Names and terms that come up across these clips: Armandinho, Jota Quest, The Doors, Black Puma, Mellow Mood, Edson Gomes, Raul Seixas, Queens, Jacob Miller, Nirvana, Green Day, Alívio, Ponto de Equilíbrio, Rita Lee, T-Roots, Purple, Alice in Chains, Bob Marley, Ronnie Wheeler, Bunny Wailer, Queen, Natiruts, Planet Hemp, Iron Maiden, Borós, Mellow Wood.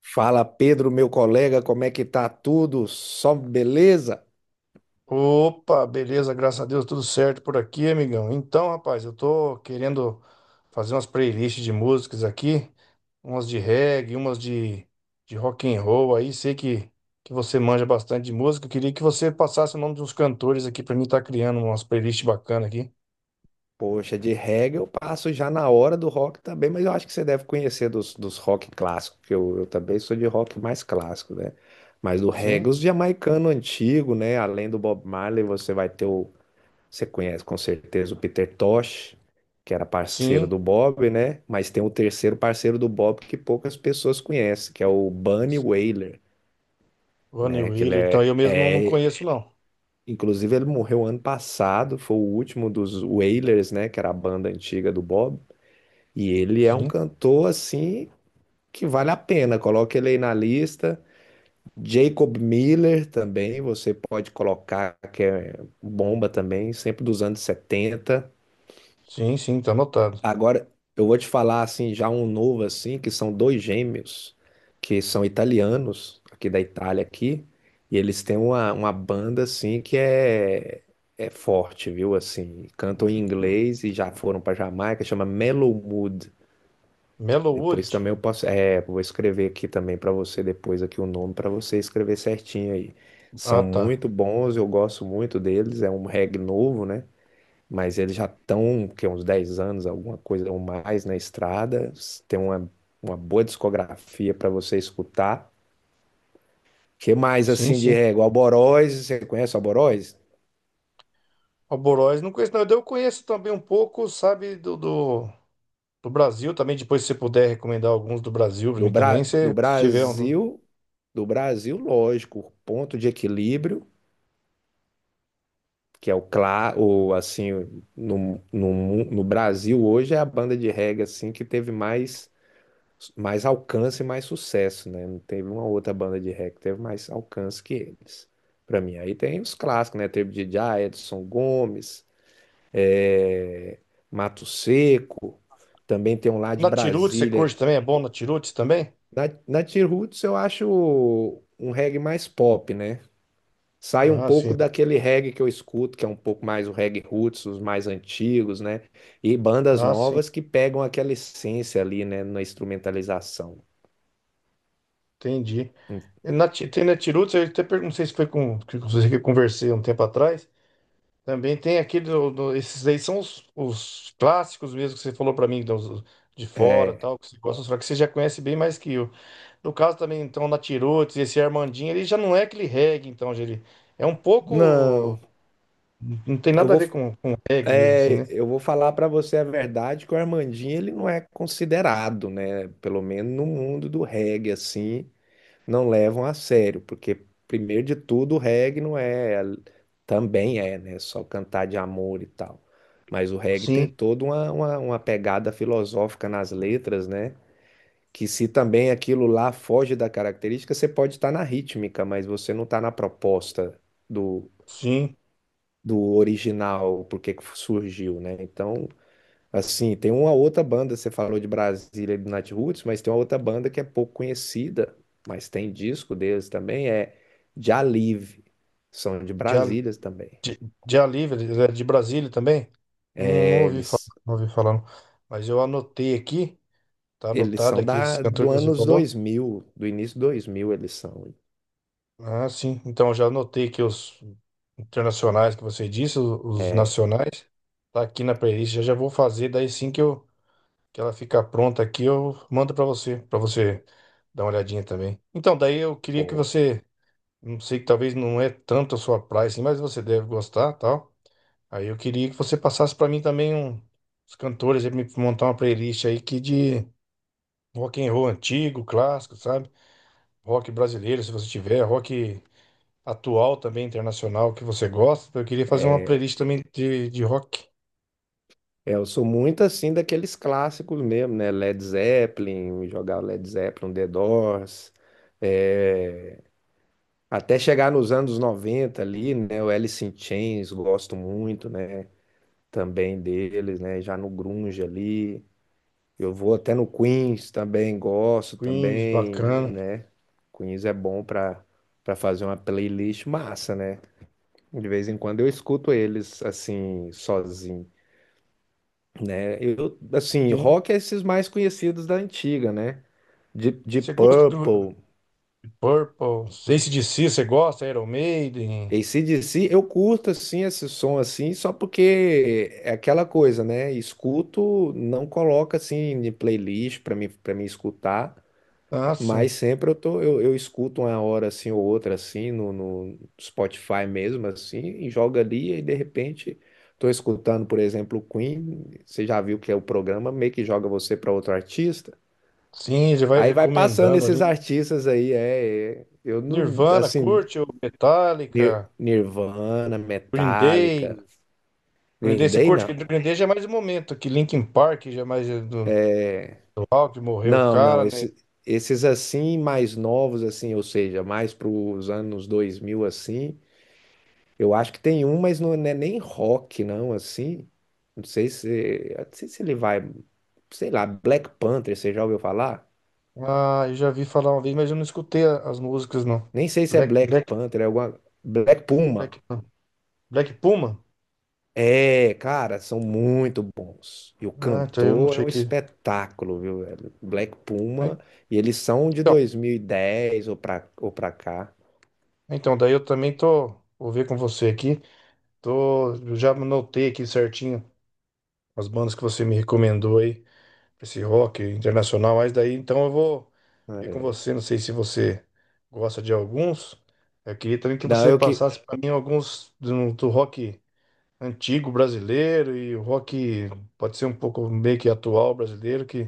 Fala Pedro, meu colega, como é que tá tudo? Só beleza? Opa, beleza, graças a Deus, tudo certo por aqui, amigão. Então, rapaz, eu tô querendo fazer umas playlists de músicas aqui, umas de reggae, umas de rock and roll aí. Sei que você manja bastante de música. Eu queria que você passasse o nome de uns cantores aqui pra mim estar criando umas playlists bacanas aqui. Poxa, de reggae eu passo já na hora do rock também, mas eu acho que você deve conhecer dos rock clássicos, que eu também sou de rock mais clássico, né? Mas do Sim, reggae, os jamaicano antigo, né? Além do Bob Marley, você vai ter o. Você conhece com certeza o Peter Tosh, que era parceiro sim. do Bob, né? Mas tem um terceiro parceiro do Bob que poucas pessoas conhecem, que é o Bunny Wailer, Ronnie né? Que ele Wheeler, então é eu mesmo não é conheço, não. inclusive, ele morreu ano passado, foi o último dos Wailers, né, que era a banda antiga do Bob. E ele é um Sim, cantor, assim, que vale a pena. Coloca ele aí na lista. Jacob Miller também, você pode colocar, que é bomba também, sempre dos anos 70. sim, sim, tá anotado. Agora, eu vou te falar assim, já um novo assim, que são dois gêmeos, que são italianos, aqui da Itália aqui, e eles têm uma banda assim que é forte, viu? Assim, cantam em inglês e já foram para Jamaica, chama Mellow Mood. Mellow Depois Wood? também eu posso, é, vou escrever aqui também para você depois aqui o nome para você escrever certinho aí. Ah, São tá. muito bons, eu gosto muito deles, é um reggae novo, né? Mas eles já estão, que uns 10 anos, alguma coisa ou mais na estrada, tem uma boa discografia para você escutar. Que mais Sim, assim de sim. régua? Alboróis, você conhece Alboróis? O Borós não conheço, não. Eu conheço também um pouco, sabe, do Brasil também. Depois, se você puder recomendar alguns do Brasil pra mim também, se, Do se tiver um. Brasil, do Brasil, lógico, Ponto de Equilíbrio, que é o claro, o, assim, no Brasil hoje é a banda de reggae assim que teve mais mais alcance e mais sucesso, né? Não teve uma outra banda de rap que teve mais alcance que eles. Pra mim, aí tem os clássicos, né? Teve DJ, Edson Gomes, é, Mato Seco, também tem um lá de Na Tirutes, você curte Brasília. também? É bom na Tirutes também? Na T-Roots eu acho um reggae mais pop, né? Sai um Ah, pouco sim. daquele reggae que eu escuto, que é um pouco mais o reggae roots, os mais antigos, né? E bandas Ah, sim. novas que pegam aquela essência ali, né, na instrumentalização. Entendi. Hum, E tem na Tirutes, eu até perguntei, não sei se foi com você que eu conversei um tempo atrás. Também tem aquele, esses aí são os clássicos mesmo que você falou pra mim, dos, de fora, é, tal, que você gosta, só que você já conhece bem mais que eu. No caso também, então, o Natiruts, esse Armandinho, ele já não é aquele reggae, então, já ele é um pouco. não, Não tem eu nada a vou, ver com reggae mesmo, assim, é, né? eu vou falar pra você a verdade que o Armandinho ele não é considerado, né? Pelo menos no mundo do reggae assim, não levam a sério, porque primeiro de tudo o reggae não é, também é, né? Só cantar de amor e tal. Mas o reggae tem Sim, toda uma pegada filosófica nas letras, né? Que se também aquilo lá foge da característica, você pode estar na rítmica, mas você não está na proposta sim. do original, por que que surgiu, né? Então, assim, tem uma outra banda, você falou de Brasília e do Natiruts, mas tem uma outra banda que é pouco conhecida, mas tem disco deles também, é Jalive, são de De, Al- Brasília também. de, de Alívio, ele é de Brasília também? Não, não É, ouvi falar, eles, não ouvi falar, não. Mas eu anotei aqui, tá eles anotado são aqui esses da, do cantores que você anos falou. 2000, do início 2000 eles são. Ah, sim. Então, eu já anotei aqui os internacionais que você disse, os É, nacionais. Tá aqui na playlist, já já vou fazer, daí sim que eu. Que ela ficar pronta aqui, eu mando para você dar uma olhadinha também. Então, daí eu queria que boa. você, não sei, que talvez não é tanto a sua praia assim, mas você deve gostar, tal. Aí eu queria que você passasse para mim também um, os cantores, aí me montar uma playlist aí que de rock and roll antigo, clássico, sabe? Rock brasileiro, se você tiver, rock atual também internacional que você gosta. Eu queria fazer uma playlist também de rock. É, eu sou muito assim daqueles clássicos mesmo, né? Led Zeppelin, jogar Led Zeppelin, The Doors, é, até chegar nos anos 90 ali, né? O Alice in Chains, gosto muito, né? Também deles, né? Já no grunge ali. Eu vou até no Queens também, gosto Queens, também, bacana. né? Queens é bom para para fazer uma playlist massa, né? De vez em quando eu escuto eles assim, sozinho, né? Eu, assim, Sim. rock é esses mais conhecidos da antiga, né? Deep Você gosta? Do. Purple, Purple. AC/DC, você gosta? Iron Maiden? AC/DC, eu curto assim esse som assim, só porque é aquela coisa, né? Escuto, não coloca assim em playlist para mim escutar, Ah, mas sim. sempre eu tô eu escuto uma hora assim ou outra assim no Spotify mesmo assim e joga ali e de repente tô escutando, por exemplo, o Queen, você já viu que é o programa meio que joga você para outro artista. Sim, ele vai Aí vai passando recomendando esses ali. artistas aí, eu não Nirvana, assim curte o Metallica, Nirvana, Green Day. Metallica, Green Green Day, você Day, curte? não. Porque Green Day já é mais um momento aqui. Linkin Park já é mais do rock, morreu o cara, Não, né? esse- esses assim mais novos assim, ou seja, mais para os anos 2000 assim, eu acho que tem um, mas não é nem rock não assim. Não sei se, eu não sei se ele vai, sei lá, Black Panther, você já ouviu falar? Ah, eu já vi falar uma vez, mas eu não escutei as músicas, não. Nem sei se é Black, Black Black, Panther, é alguma Black Puma. Black, Black Puma? É, cara, são muito bons. E o Ah, então eu não cantor é sei um que. espetáculo, viu, velho? Black Ah, Puma, e eles são de então, 2010 ou pra cá. então, daí eu também tô. Vou ver com você aqui. Tô, eu já anotei aqui certinho as bandas que você me recomendou aí, pra esse rock internacional, mas daí então eu vou ver com É. você, não sei se você gosta de alguns. Eu queria também que Não, você eu que. passasse para mim alguns do rock antigo brasileiro e o rock pode ser um pouco meio que atual brasileiro, que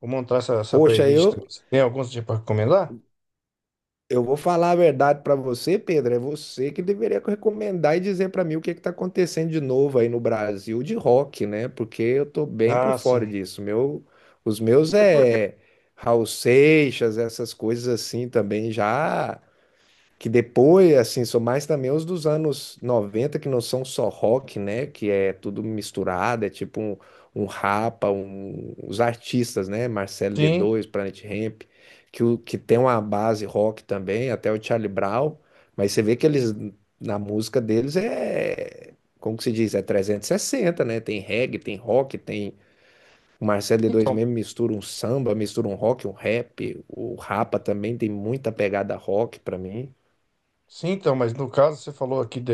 vou montar essa Poxa, playlist também. Você tem alguns para recomendar? eu vou falar a verdade pra você, Pedro. É você que deveria recomendar e dizer pra mim o que que tá acontecendo de novo aí no Brasil de rock, né? Porque eu tô bem por Ah, sim. fora disso. Meu, os meus É porque é Raul Seixas, essas coisas assim também já. Que depois, assim, são mais também os dos anos 90 que não são só rock, né? Que é tudo misturado, é tipo um, um rapa, os artistas, né? Marcelo sim, D2, Planet Hemp, que, que tem uma base rock também, até o Charlie Brown, mas você vê que eles, na música deles é, como que se diz? É 360, né? Tem reggae, tem rock, tem... O Marcelo D2 então, mesmo mistura um samba, mistura um rock, um rap. O Rapa também tem muita pegada rock pra mim. sim, então, mas no caso você falou aqui de,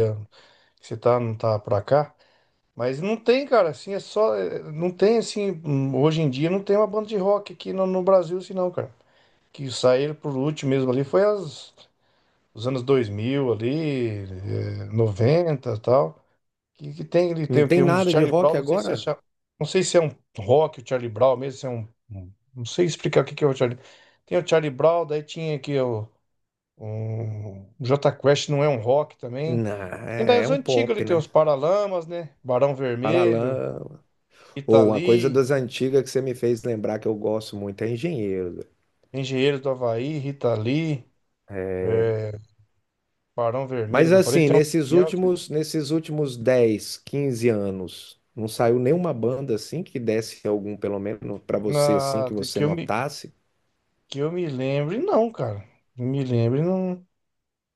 que você tá, não tá para cá. Mas não tem, cara, assim, é só. É, não tem, assim, hoje em dia não tem uma banda de rock aqui no Brasil, assim, não, cara. Que saíram por último mesmo ali foi as, os anos 2000 ali, é, 90 e tal. Que tem, ele tem Não o tem quê? Uns nada de Charlie Brown, rock não sei se é, agora? Não sei se é um rock, o Charlie Brown mesmo, se é um. Não sei explicar o que que é o Charlie. Tem o Charlie Brown, daí tinha aqui o. Um, o Jota Quest não é um rock também. Não, E é das um antigas ali pop, tem né? os Paralamas, né? Barão Vermelho. Paralama. Rita Ou uma coisa Lee, das antigas que você me fez lembrar que eu gosto muito é Engenheiro. Engenheiros do Havaí, Rita Lee, é, Barão Vermelho, Mas que eu falei, assim, tem um nesses caminhão que, últimos, nesses últimos 10, 15 anos, não saiu nenhuma banda assim que desse algum, pelo menos pra você assim na, que você notasse. que eu me lembre, não, cara. Me lembre, não,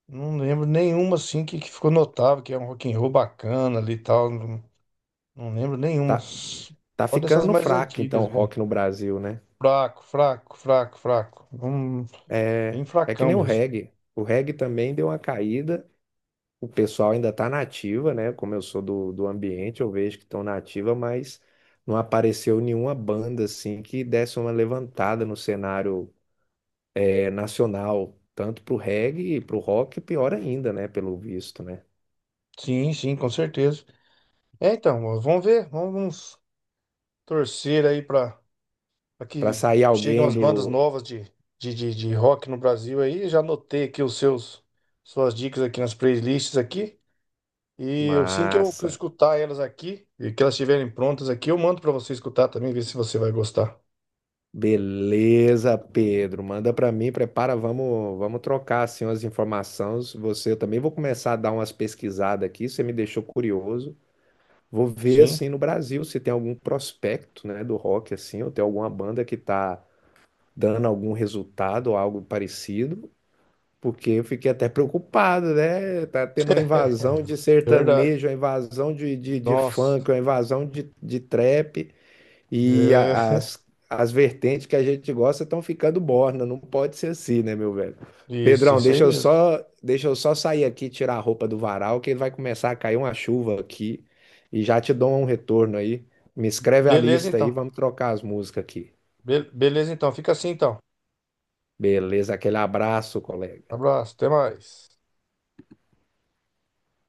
não lembro nenhuma assim que ficou notável, que é um rock and roll bacana ali e tal. Não, não lembro nenhuma. Tá, tá Só dessas ficando mais fraco então antigas o mesmo. rock no Brasil, né? Fraco, fraco, fraco, fraco. É, Bem é que fracão nem o mesmo. reggae. O reggae também deu uma caída. O pessoal ainda está na ativa, né? Como eu sou do ambiente, eu vejo que estão na ativa, mas não apareceu nenhuma banda assim que desse uma levantada no cenário nacional, tanto para o reggae e para o rock, pior ainda, né? Pelo visto, né? Sim, sim, com certeza. É, então, ó, vamos ver, vamos torcer aí pra. Para Aqui sair chegam alguém as bandas do. novas de rock no Brasil aí. Já anotei aqui os seus, suas dicas aqui nas playlists aqui. E assim que eu Massa! escutar elas aqui e que elas estiverem prontas aqui, eu mando para você escutar também, ver se você vai gostar. Beleza, Pedro. Manda para mim, prepara, vamos, vamos trocar assim as informações. Você, eu também vou começar a dar umas pesquisadas aqui, você me deixou curioso. Vou ver Sim. assim no Brasil se tem algum prospecto, né, do rock assim, ou tem alguma banda que tá dando algum resultado ou algo parecido, porque eu fiquei até preocupado, né? Tá tendo uma invasão de É, verdade. sertanejo, uma invasão de funk, Nossa. uma invasão de trap. E É, as, as vertentes que a gente gosta estão ficando morna, não pode ser assim, né, meu velho? Isso, Pedrão, isso aí mesmo. Deixa eu só sair aqui e tirar a roupa do varal, que vai começar a cair uma chuva aqui e já te dou um retorno aí. Me escreve a Beleza, lista aí, então. vamos trocar as músicas aqui. Beleza, então. Fica assim, então. Beleza, aquele abraço, colega. Abraço, até mais.